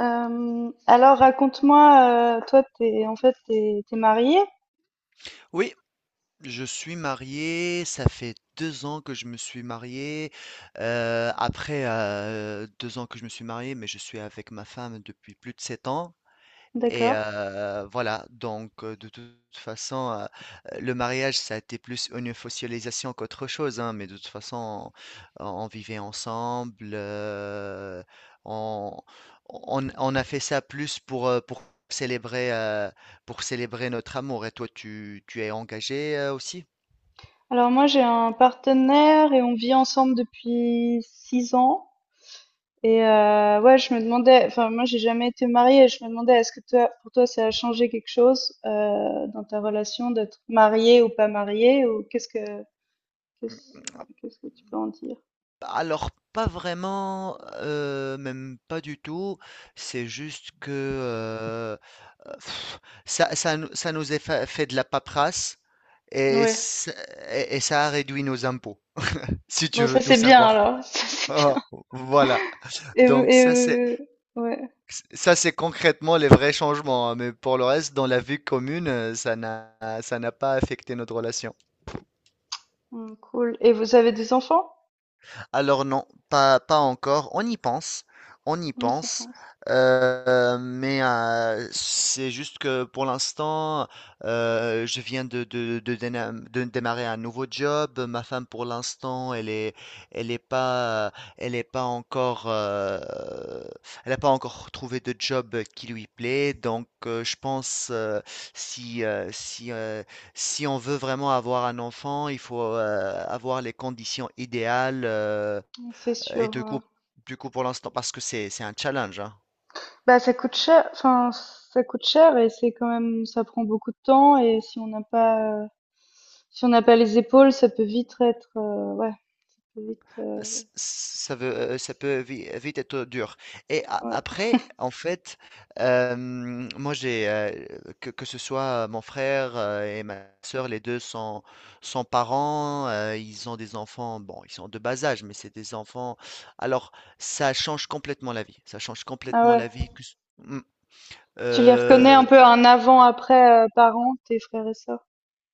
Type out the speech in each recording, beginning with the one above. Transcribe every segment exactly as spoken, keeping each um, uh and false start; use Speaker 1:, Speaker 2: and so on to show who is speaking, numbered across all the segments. Speaker 1: Hem, alors raconte-moi, heu, toi t'es en fait t'es es tu
Speaker 2: Oui, je suis marié, ça fait deux ans que je me suis marié. Heu, après, heu, deux ans que je me suis marié, mais je suis avec ma femme depuis plus de sept ans. Et
Speaker 1: D'accord.
Speaker 2: heu, voilà, donc heu, de toute façon, heu, le mariage, ça a été plus une officialisation qu'autre chose, hein, mais de toute façon, on on vivait ensemble, heu, on on on a fait ça plus pour, heu, pour célébrer, heu, pour célébrer notre amour. Et toi, tu tu es engagé, heu, aussi?
Speaker 1: Alors moi j'ai un partenaire et on vit ensemble depuis six ans et heu, ouais je me demandais enfin moi j'ai jamais été mariée et je me demandais est-ce que toi pour toi ça a changé quelque chose, heu, dans ta relation d'être mariée ou pas mariée ou qu'est-ce que qu'est-ce qu'est-ce que tu peux en dire?
Speaker 2: Alors pas vraiment, heu, même pas du tout. C'est juste que, heu heu, ça ça nous ça nous est fa fait de la paperasse et
Speaker 1: Ouais.
Speaker 2: ça et et ça a réduit nos impôts, si tu
Speaker 1: Bon ça
Speaker 2: veux tout
Speaker 1: c'est bien
Speaker 2: savoir.
Speaker 1: alors, ça c'est
Speaker 2: Ah,
Speaker 1: bien.
Speaker 2: voilà,
Speaker 1: Et vous
Speaker 2: donc
Speaker 1: et
Speaker 2: ça c'est
Speaker 1: heu ouais.
Speaker 2: ça c'est concrètement les vrais changements, hein, mais pour le reste, dans la vie commune, heu, ça n'a ça n'a pas affecté notre relation.
Speaker 1: Mmh, cool. Et vous avez des enfants?
Speaker 2: Alors non, pas, pas encore. On y pense, on y
Speaker 1: Mmh, c'est
Speaker 2: pense.
Speaker 1: bien.
Speaker 2: Euh, mais euh, c'est juste que pour l'instant, euh, je viens de, de, de déna- de démarrer un nouveau job. Ma femme, pour l'instant, elle est, elle est pas, elle est pas encore, euh, elle n'a pas encore trouvé de job qui lui plaît. Donc, euh, je pense euh, si, euh, si, euh, si on veut vraiment avoir un enfant, il faut euh, avoir les conditions idéales euh,
Speaker 1: C'est
Speaker 2: et
Speaker 1: sûr,
Speaker 2: du coup,
Speaker 1: heu,
Speaker 2: du coup pour l'instant, parce que c'est c'est un challenge, hein,
Speaker 1: bah, ça coûte cher, enfin, ça coûte cher et c'est quand même ça prend beaucoup de temps et si on n'a pas, heu, si on n'a pas les épaules, ça peut vite être, heu, ouais, peut vite,
Speaker 2: c-
Speaker 1: heu,
Speaker 2: ça veut, euh, ça peut vi- vite être dur. Et a-
Speaker 1: ouais.
Speaker 2: après, en fait, euh, moi j'ai euh, que, que ce soit mon frère euh, et ma soeur, les deux sont, sont parents. Euh, ils ont des enfants, bon, ils sont de bas âge, mais c'est des enfants. Alors, ça change complètement la vie. Ça change
Speaker 1: Ah
Speaker 2: complètement la
Speaker 1: ouais.
Speaker 2: vie. que ce-
Speaker 1: Tu les reconnais un
Speaker 2: Heu,
Speaker 1: peu un avant-après, heu, parents, tes frères et sœurs?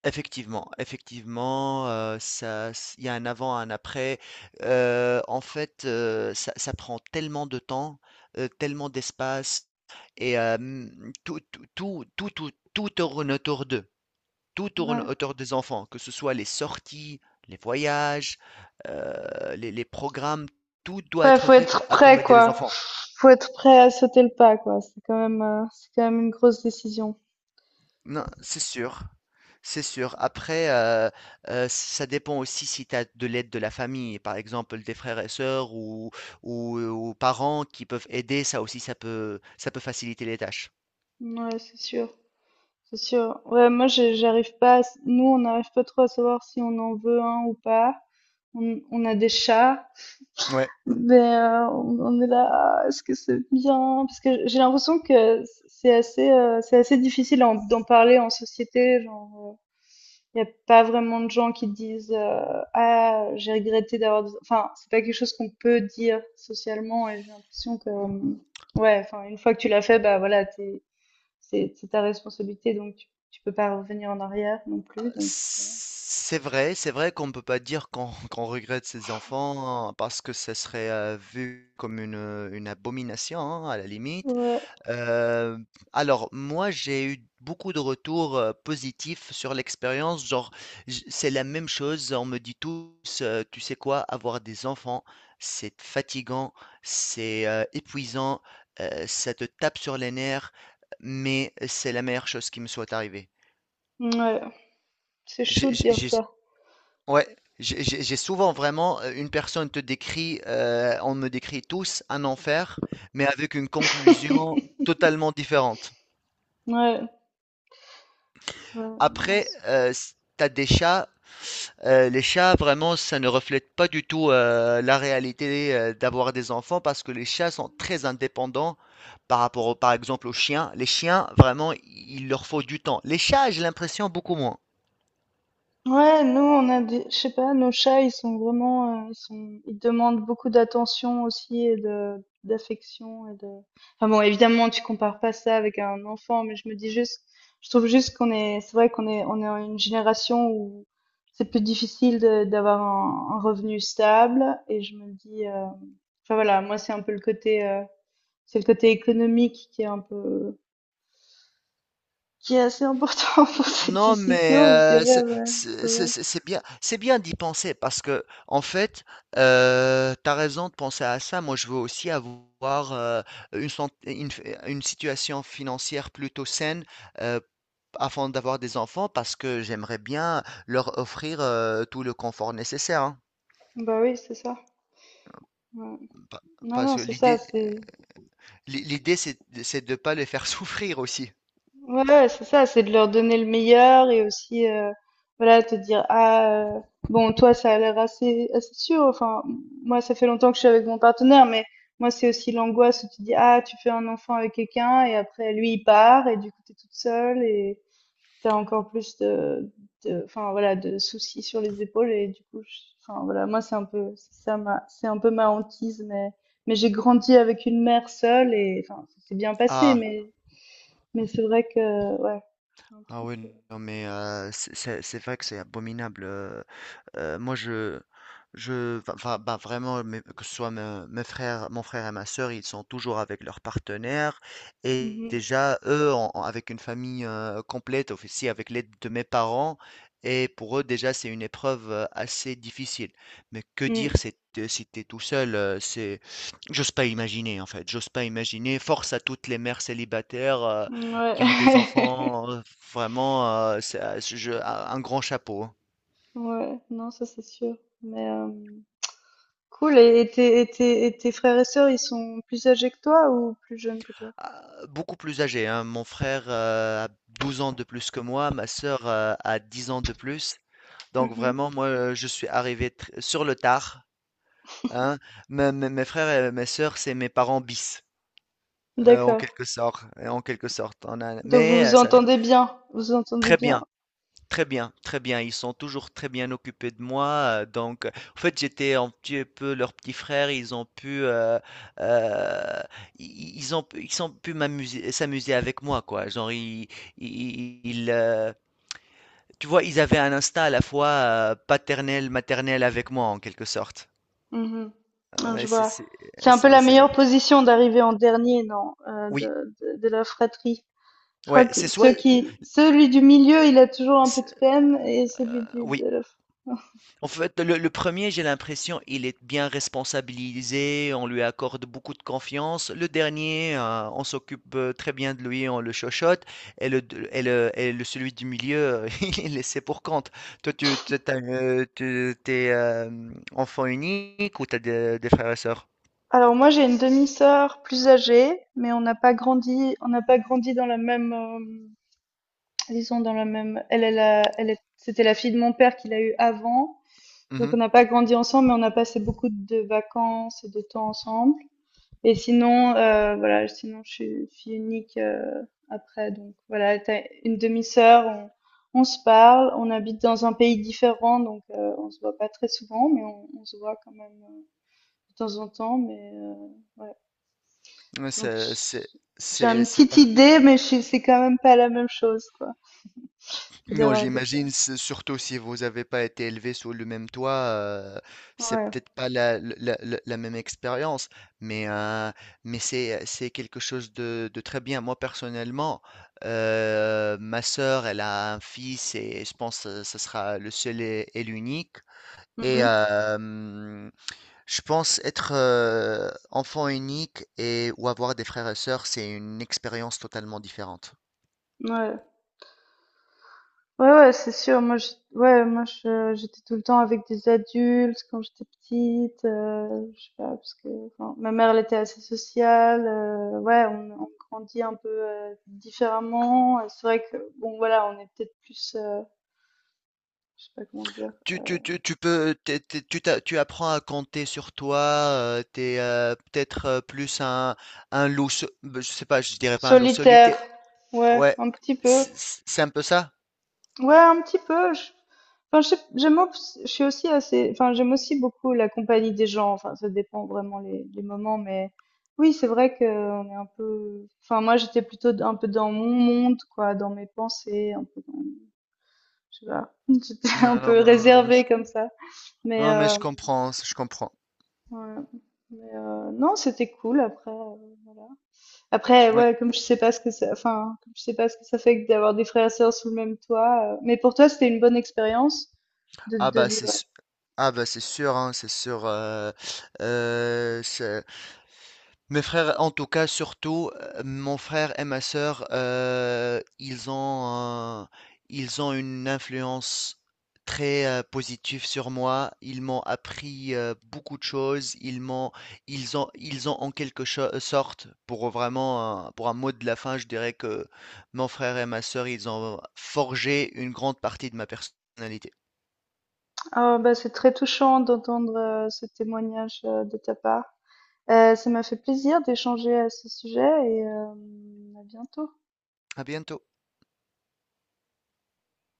Speaker 2: effectivement, effectivement, heu, ça s il y a un avant, un après. Heu, en fait, heu, ça ça prend tellement de temps, heu, tellement d'espace et hem, tout tout tout tout tout tout tourne autour d'eux. Tout tourne
Speaker 1: Ouais.
Speaker 2: autour des enfants, que ce soit les sorties, les voyages, heu, les les programmes, tout doit
Speaker 1: Ouais,
Speaker 2: être
Speaker 1: faut
Speaker 2: fait pour
Speaker 1: être prêt,
Speaker 2: accommoder les
Speaker 1: quoi.
Speaker 2: enfants.
Speaker 1: Faut être prêt à sauter le pas, quoi. C'est quand même, heu, c'est quand même une grosse décision.
Speaker 2: Non, c'est sûr. C'est sûr. Après, euh, euh, ça dépend aussi si tu as de l'aide de la famille, par exemple des frères et sœurs ou, ou, euh, ou parents qui peuvent aider, ça aussi, ça peut, ça peut faciliter les tâches.
Speaker 1: Ouais, c'est sûr, c'est sûr. Ouais, moi, je j'arrive pas à s nous, on n'arrive pas trop à savoir si on en veut un ou pas. On, on a des chats,
Speaker 2: Ouais,
Speaker 1: mais euh, on, on est là, ah, est-ce que c'est bien? Parce que j'ai l'impression que c'est assez, euh, c'est assez difficile en- d'en parler en société. Genre, il n'y a pas vraiment de gens qui disent euh, ah j'ai regretté d'avoir. des- Enfin, c'est pas quelque chose qu'on peut dire socialement. Et j'ai l'impression que euh, ouais, enfin une fois que tu l'as fait, bah voilà, t'es- c'est c'est ta responsabilité, donc tu, tu peux pas revenir en arrière non plus. Donc
Speaker 2: c'est vrai, c'est vrai qu'on ne peut pas dire qu'on qu'on regrette ses enfants hein, parce que ça serait euh, vu comme une, une abomination hein, à la limite.
Speaker 1: ouais,
Speaker 2: Heu, alors moi, j'ai eu beaucoup de retours, heu, positifs sur l'expérience, genre j c'est la même chose, on me dit tous, heu: «Tu sais quoi? Avoir des enfants, c'est fatigant, c'est, heu, épuisant, heu, ça te tape sur les nerfs, mais c'est la meilleure chose qui me soit arrivée».
Speaker 1: ouais, c'est chaud
Speaker 2: J'ai
Speaker 1: de
Speaker 2: j'ai
Speaker 1: dire
Speaker 2: j'ai
Speaker 1: ça.
Speaker 2: ouais, j'ai j'ai j'ai souvent vraiment, heu, une personne te décrit, heu, on me décrit tous un enfer, mais avec une conclusion totalement différente.
Speaker 1: Ouais. Ouais,
Speaker 2: Après,
Speaker 1: mince.
Speaker 2: euh, t'as des chats. Euh, les chats, vraiment, ça ne reflète pas du tout euh, la réalité euh, d'avoir des enfants parce que les chats sont très indépendants par rapport, au- par exemple, aux chiens. Les chiens, vraiment, il leur faut du temps. Les chats, j'ai l'impression beaucoup moins.
Speaker 1: Ouais, nous on a des, je sais pas, nos chats ils sont vraiment, euh, ils sont, ils demandent beaucoup d'attention aussi et de d'affection et de. Enfin bon, évidemment tu compares pas ça avec un enfant, mais je me dis juste, je trouve juste qu'on est, c'est vrai qu'on est, on est en une génération où c'est plus difficile de- d'avoir un, un revenu stable et je me dis, euh, enfin voilà, moi c'est un peu le côté, euh, c'est le côté économique qui est un peu, qui est assez important pour cette
Speaker 2: Non, mais
Speaker 1: décision, je
Speaker 2: euh,
Speaker 1: dirais,
Speaker 2: c'est
Speaker 1: ouais, c'est
Speaker 2: c'est- c'est-
Speaker 1: vrai.
Speaker 2: c'est- c'est bien, c'est bien d'y penser parce que en fait, euh, t'as raison de penser à ça. Moi, je veux aussi avoir euh, une, sant- une, une situation financière plutôt saine euh, afin d'avoir des enfants parce que j'aimerais bien leur offrir euh, tout le confort nécessaire, hein.
Speaker 1: Bah oui, c'est ça. Ouais.
Speaker 2: Pa-
Speaker 1: Non,
Speaker 2: Parce
Speaker 1: non,
Speaker 2: que
Speaker 1: c'est ça,
Speaker 2: l'idée,
Speaker 1: c'est
Speaker 2: l'i- l'idée, c'est c'est de ne pas les faire souffrir aussi.
Speaker 1: ouais, ouais, c'est ça, c'est de leur donner le meilleur et aussi euh, voilà, te dire ah euh, bon, toi ça a l'air assez assez sûr. Enfin, moi ça fait longtemps que je suis avec mon partenaire, mais moi c'est aussi l'angoisse où tu dis ah, tu fais un enfant avec quelqu'un et après lui il part et du coup t'es toute seule et tu encore plus de, de, enfin voilà, de soucis sur les épaules et du coup, je- enfin voilà, moi c'est un peu, c'est ça ma, c'est un peu ma hantise, mais, mais j'ai grandi avec une mère seule et enfin ça s'est bien passé,
Speaker 2: Ah,
Speaker 1: mais, mais c'est vrai que ouais, c'est un
Speaker 2: ah
Speaker 1: truc.
Speaker 2: oui,
Speaker 1: euh,
Speaker 2: non, mais euh, c'est c'est- c'est vrai que c'est abominable. euh, Heu, moi, je je va enfin, bah, vraiment, mes que ce soit me mes frères mon frère et ma sœur, ils sont toujours avec leur partenaire et
Speaker 1: mhm,
Speaker 2: déjà, eux, en en avec une famille, heu, complète, aussi avec l'aide de mes parents et pour eux, déjà, c'est une épreuve, heu, assez difficile. Mais que dire, c'est de si t'es tout seul, heu, c'est j'ose pas imaginer, en fait, j'ose pas imaginer. Force à toutes les mères célibataires, heu,
Speaker 1: mm,
Speaker 2: qui ont des
Speaker 1: ouais,
Speaker 2: enfants, heu, vraiment, heu, ça je un grand chapeau, hein.
Speaker 1: ouais, non ça c'est sûr, mais euh, cool. Et, et tes, et tes, et tes frères et sœurs, ils sont plus âgés que toi ou plus jeunes que toi?
Speaker 2: Ah, beaucoup plus âgé, hein. Mon frère, heu, a douze ans de plus que moi, ma sœur, heu, a dix ans de plus. Donc
Speaker 1: Mhm.
Speaker 2: vraiment, moi, heu, je suis arrivé tr sur le tard, hein. Mes mes mes frères et mes sœurs, c'est mes parents bis, heu, en
Speaker 1: D'accord.
Speaker 2: quelque sorte, en quelque sorte. On a
Speaker 1: Donc vous
Speaker 2: mais,
Speaker 1: vous
Speaker 2: heu, ça
Speaker 1: entendez bien, vous vous entendez
Speaker 2: Très
Speaker 1: bien.
Speaker 2: bien. Très bien, très bien. Ils sont toujours très bien occupés de moi. euh, Donc, euh, en fait, j'étais un petit peu leur petit frère. Ils ont pu, euh, euh, i- ils ont, pu- ils ont pu m'amuser, s'amuser avec moi, quoi. Genre, ils, ils- ils, euh, tu vois, ils avaient un instinct à la fois euh, paternel, maternel avec moi, en quelque sorte.
Speaker 1: Mhm, mh.
Speaker 2: Ah
Speaker 1: Ouais, je
Speaker 2: ouais, c'est,
Speaker 1: vois.
Speaker 2: c'est,
Speaker 1: C'est un peu
Speaker 2: c'est-
Speaker 1: la
Speaker 2: c'est la-
Speaker 1: meilleure position d'arriver en dernier, non, heu,
Speaker 2: oui,
Speaker 1: de de de la fratrie. Je crois
Speaker 2: ouais,
Speaker 1: que
Speaker 2: c'est soit,
Speaker 1: ceux qui celui du milieu, il a toujours un peu de
Speaker 2: c'est-
Speaker 1: peine et celui du
Speaker 2: oui.
Speaker 1: de la
Speaker 2: En fait, le, le premier, j'ai l'impression, il est bien responsabilisé, on lui accorde beaucoup de confiance. Le dernier, euh, on s'occupe euh, très bien de lui, on le chochote. Et le, deux- et le, et le- celui du milieu, il est laissé pour compte. Toi, tu, tu- t'as, euh, tu- t'es euh, enfant unique ou t'as des, des frères et sœurs?
Speaker 1: Alors moi, j'ai une demi-sœur plus âgée, mais on n'a pas grandi on n'a pas grandi dans la même, hem, disons dans la même elle elle a elle est c'était la fille de mon père qu'il a eue avant, donc on
Speaker 2: Mhm.
Speaker 1: n'a pas grandi ensemble, mais on a passé beaucoup de vacances et de temps ensemble. Et sinon, heu, voilà, sinon je suis fille unique, heu, après donc voilà, t'as une demi-sœur, on on se parle, on habite dans un pays différent donc heu, on se voit pas très souvent mais on on se voit quand même, heu, de temps en temps mais heu, ouais.
Speaker 2: Ouais,
Speaker 1: Donc
Speaker 2: C'est, c'est,
Speaker 1: j j'ai
Speaker 2: c'est,
Speaker 1: une
Speaker 2: c'est
Speaker 1: petite idée mais je c'est quand même pas la même chose quoi que
Speaker 2: Non,
Speaker 1: d'avoir des
Speaker 2: j'imagine, c'est surtout si vous n'avez pas été élevé sous le même toit, euh, c'est
Speaker 1: ouais.
Speaker 2: peut-être pas la, la- la- la même expérience, mais, euh, mais c'est, euh, c'est quelque chose de, de très bien. Moi, personnellement, euh, ma sœur, elle a un fils et je pense que ce sera le seul et, et l'unique. Et
Speaker 1: Mmh.
Speaker 2: euh, je pense être euh, enfant unique et ou avoir des frères et sœurs, c'est une expérience totalement différente.
Speaker 1: Ouais. Ouais, ouais, c'est sûr. Moi, je, ouais, moi, je, j'étais tout le temps avec des adultes quand j'étais petite. euh, je sais pas, parce que enfin, ma mère, elle était assez sociale. euh, ouais, on, on grandit un peu euh, différemment. Et c'est vrai que, bon, voilà, on est peut-être plus, euh, je sais pas comment dire,
Speaker 2: Tu, tu, tu, tu peux, t'es- t'es- tu, t'a- Tu apprends à compter sur toi, tu t'es euh, peut-être euh, plus un, un loup, so- ben, je sais pas, je dirais pas un loup
Speaker 1: solitaire.
Speaker 2: solitaire.
Speaker 1: Ouais,
Speaker 2: Ouais,
Speaker 1: un petit peu.
Speaker 2: c- c- c'est un peu ça?
Speaker 1: Ouais, un petit peu. Je... Enfin, je sais- j'aime, obs- je suis aussi assez, enfin, j'aime aussi beaucoup la compagnie des gens. Enfin, ça dépend vraiment les, les moments, mais oui, c'est vrai que on est un peu. Enfin, moi, j'étais plutôt d- un peu dans mon monde, quoi, dans mes pensées, un peu dans, je sais pas, j'étais un
Speaker 2: Ouais, non,
Speaker 1: peu
Speaker 2: ben, je-
Speaker 1: réservée comme ça. Mais,
Speaker 2: non, mais je
Speaker 1: euh,
Speaker 2: comprends, je comprends.
Speaker 1: ouais. Mais, euh, non, c'était cool. Après, euh, après,
Speaker 2: Oui.
Speaker 1: ouais, comme je sais pas ce que ça, enfin, comme je sais pas ce que ça fait que d'avoir des frères et sœurs sous le même toit. euh, Mais pour toi, c'était une bonne expérience de,
Speaker 2: Ah
Speaker 1: de
Speaker 2: bah c'est
Speaker 1: vivre.
Speaker 2: su- ah bah c'est sûr hein, c'est sûr euh, euh, c'est- mes frères en tout cas surtout euh, mon frère et ma sœur euh, ils ont euh, ils ont une influence très euh, positive sur moi, ils m'ont appris euh, beaucoup de choses, ils m'ont ils ont ils ont en quelque cho- sorte, pour vraiment un- pour un mot de la fin, je dirais que mon frère et ma sœur ils ont forgé une grande partie de ma personnalité.
Speaker 1: Ah, bah, c'est très touchant d'entendre euh, ce témoignage euh, de ta part. Euh, ça m'a fait plaisir d'échanger à ce sujet et euh, à bientôt.
Speaker 2: À bientôt.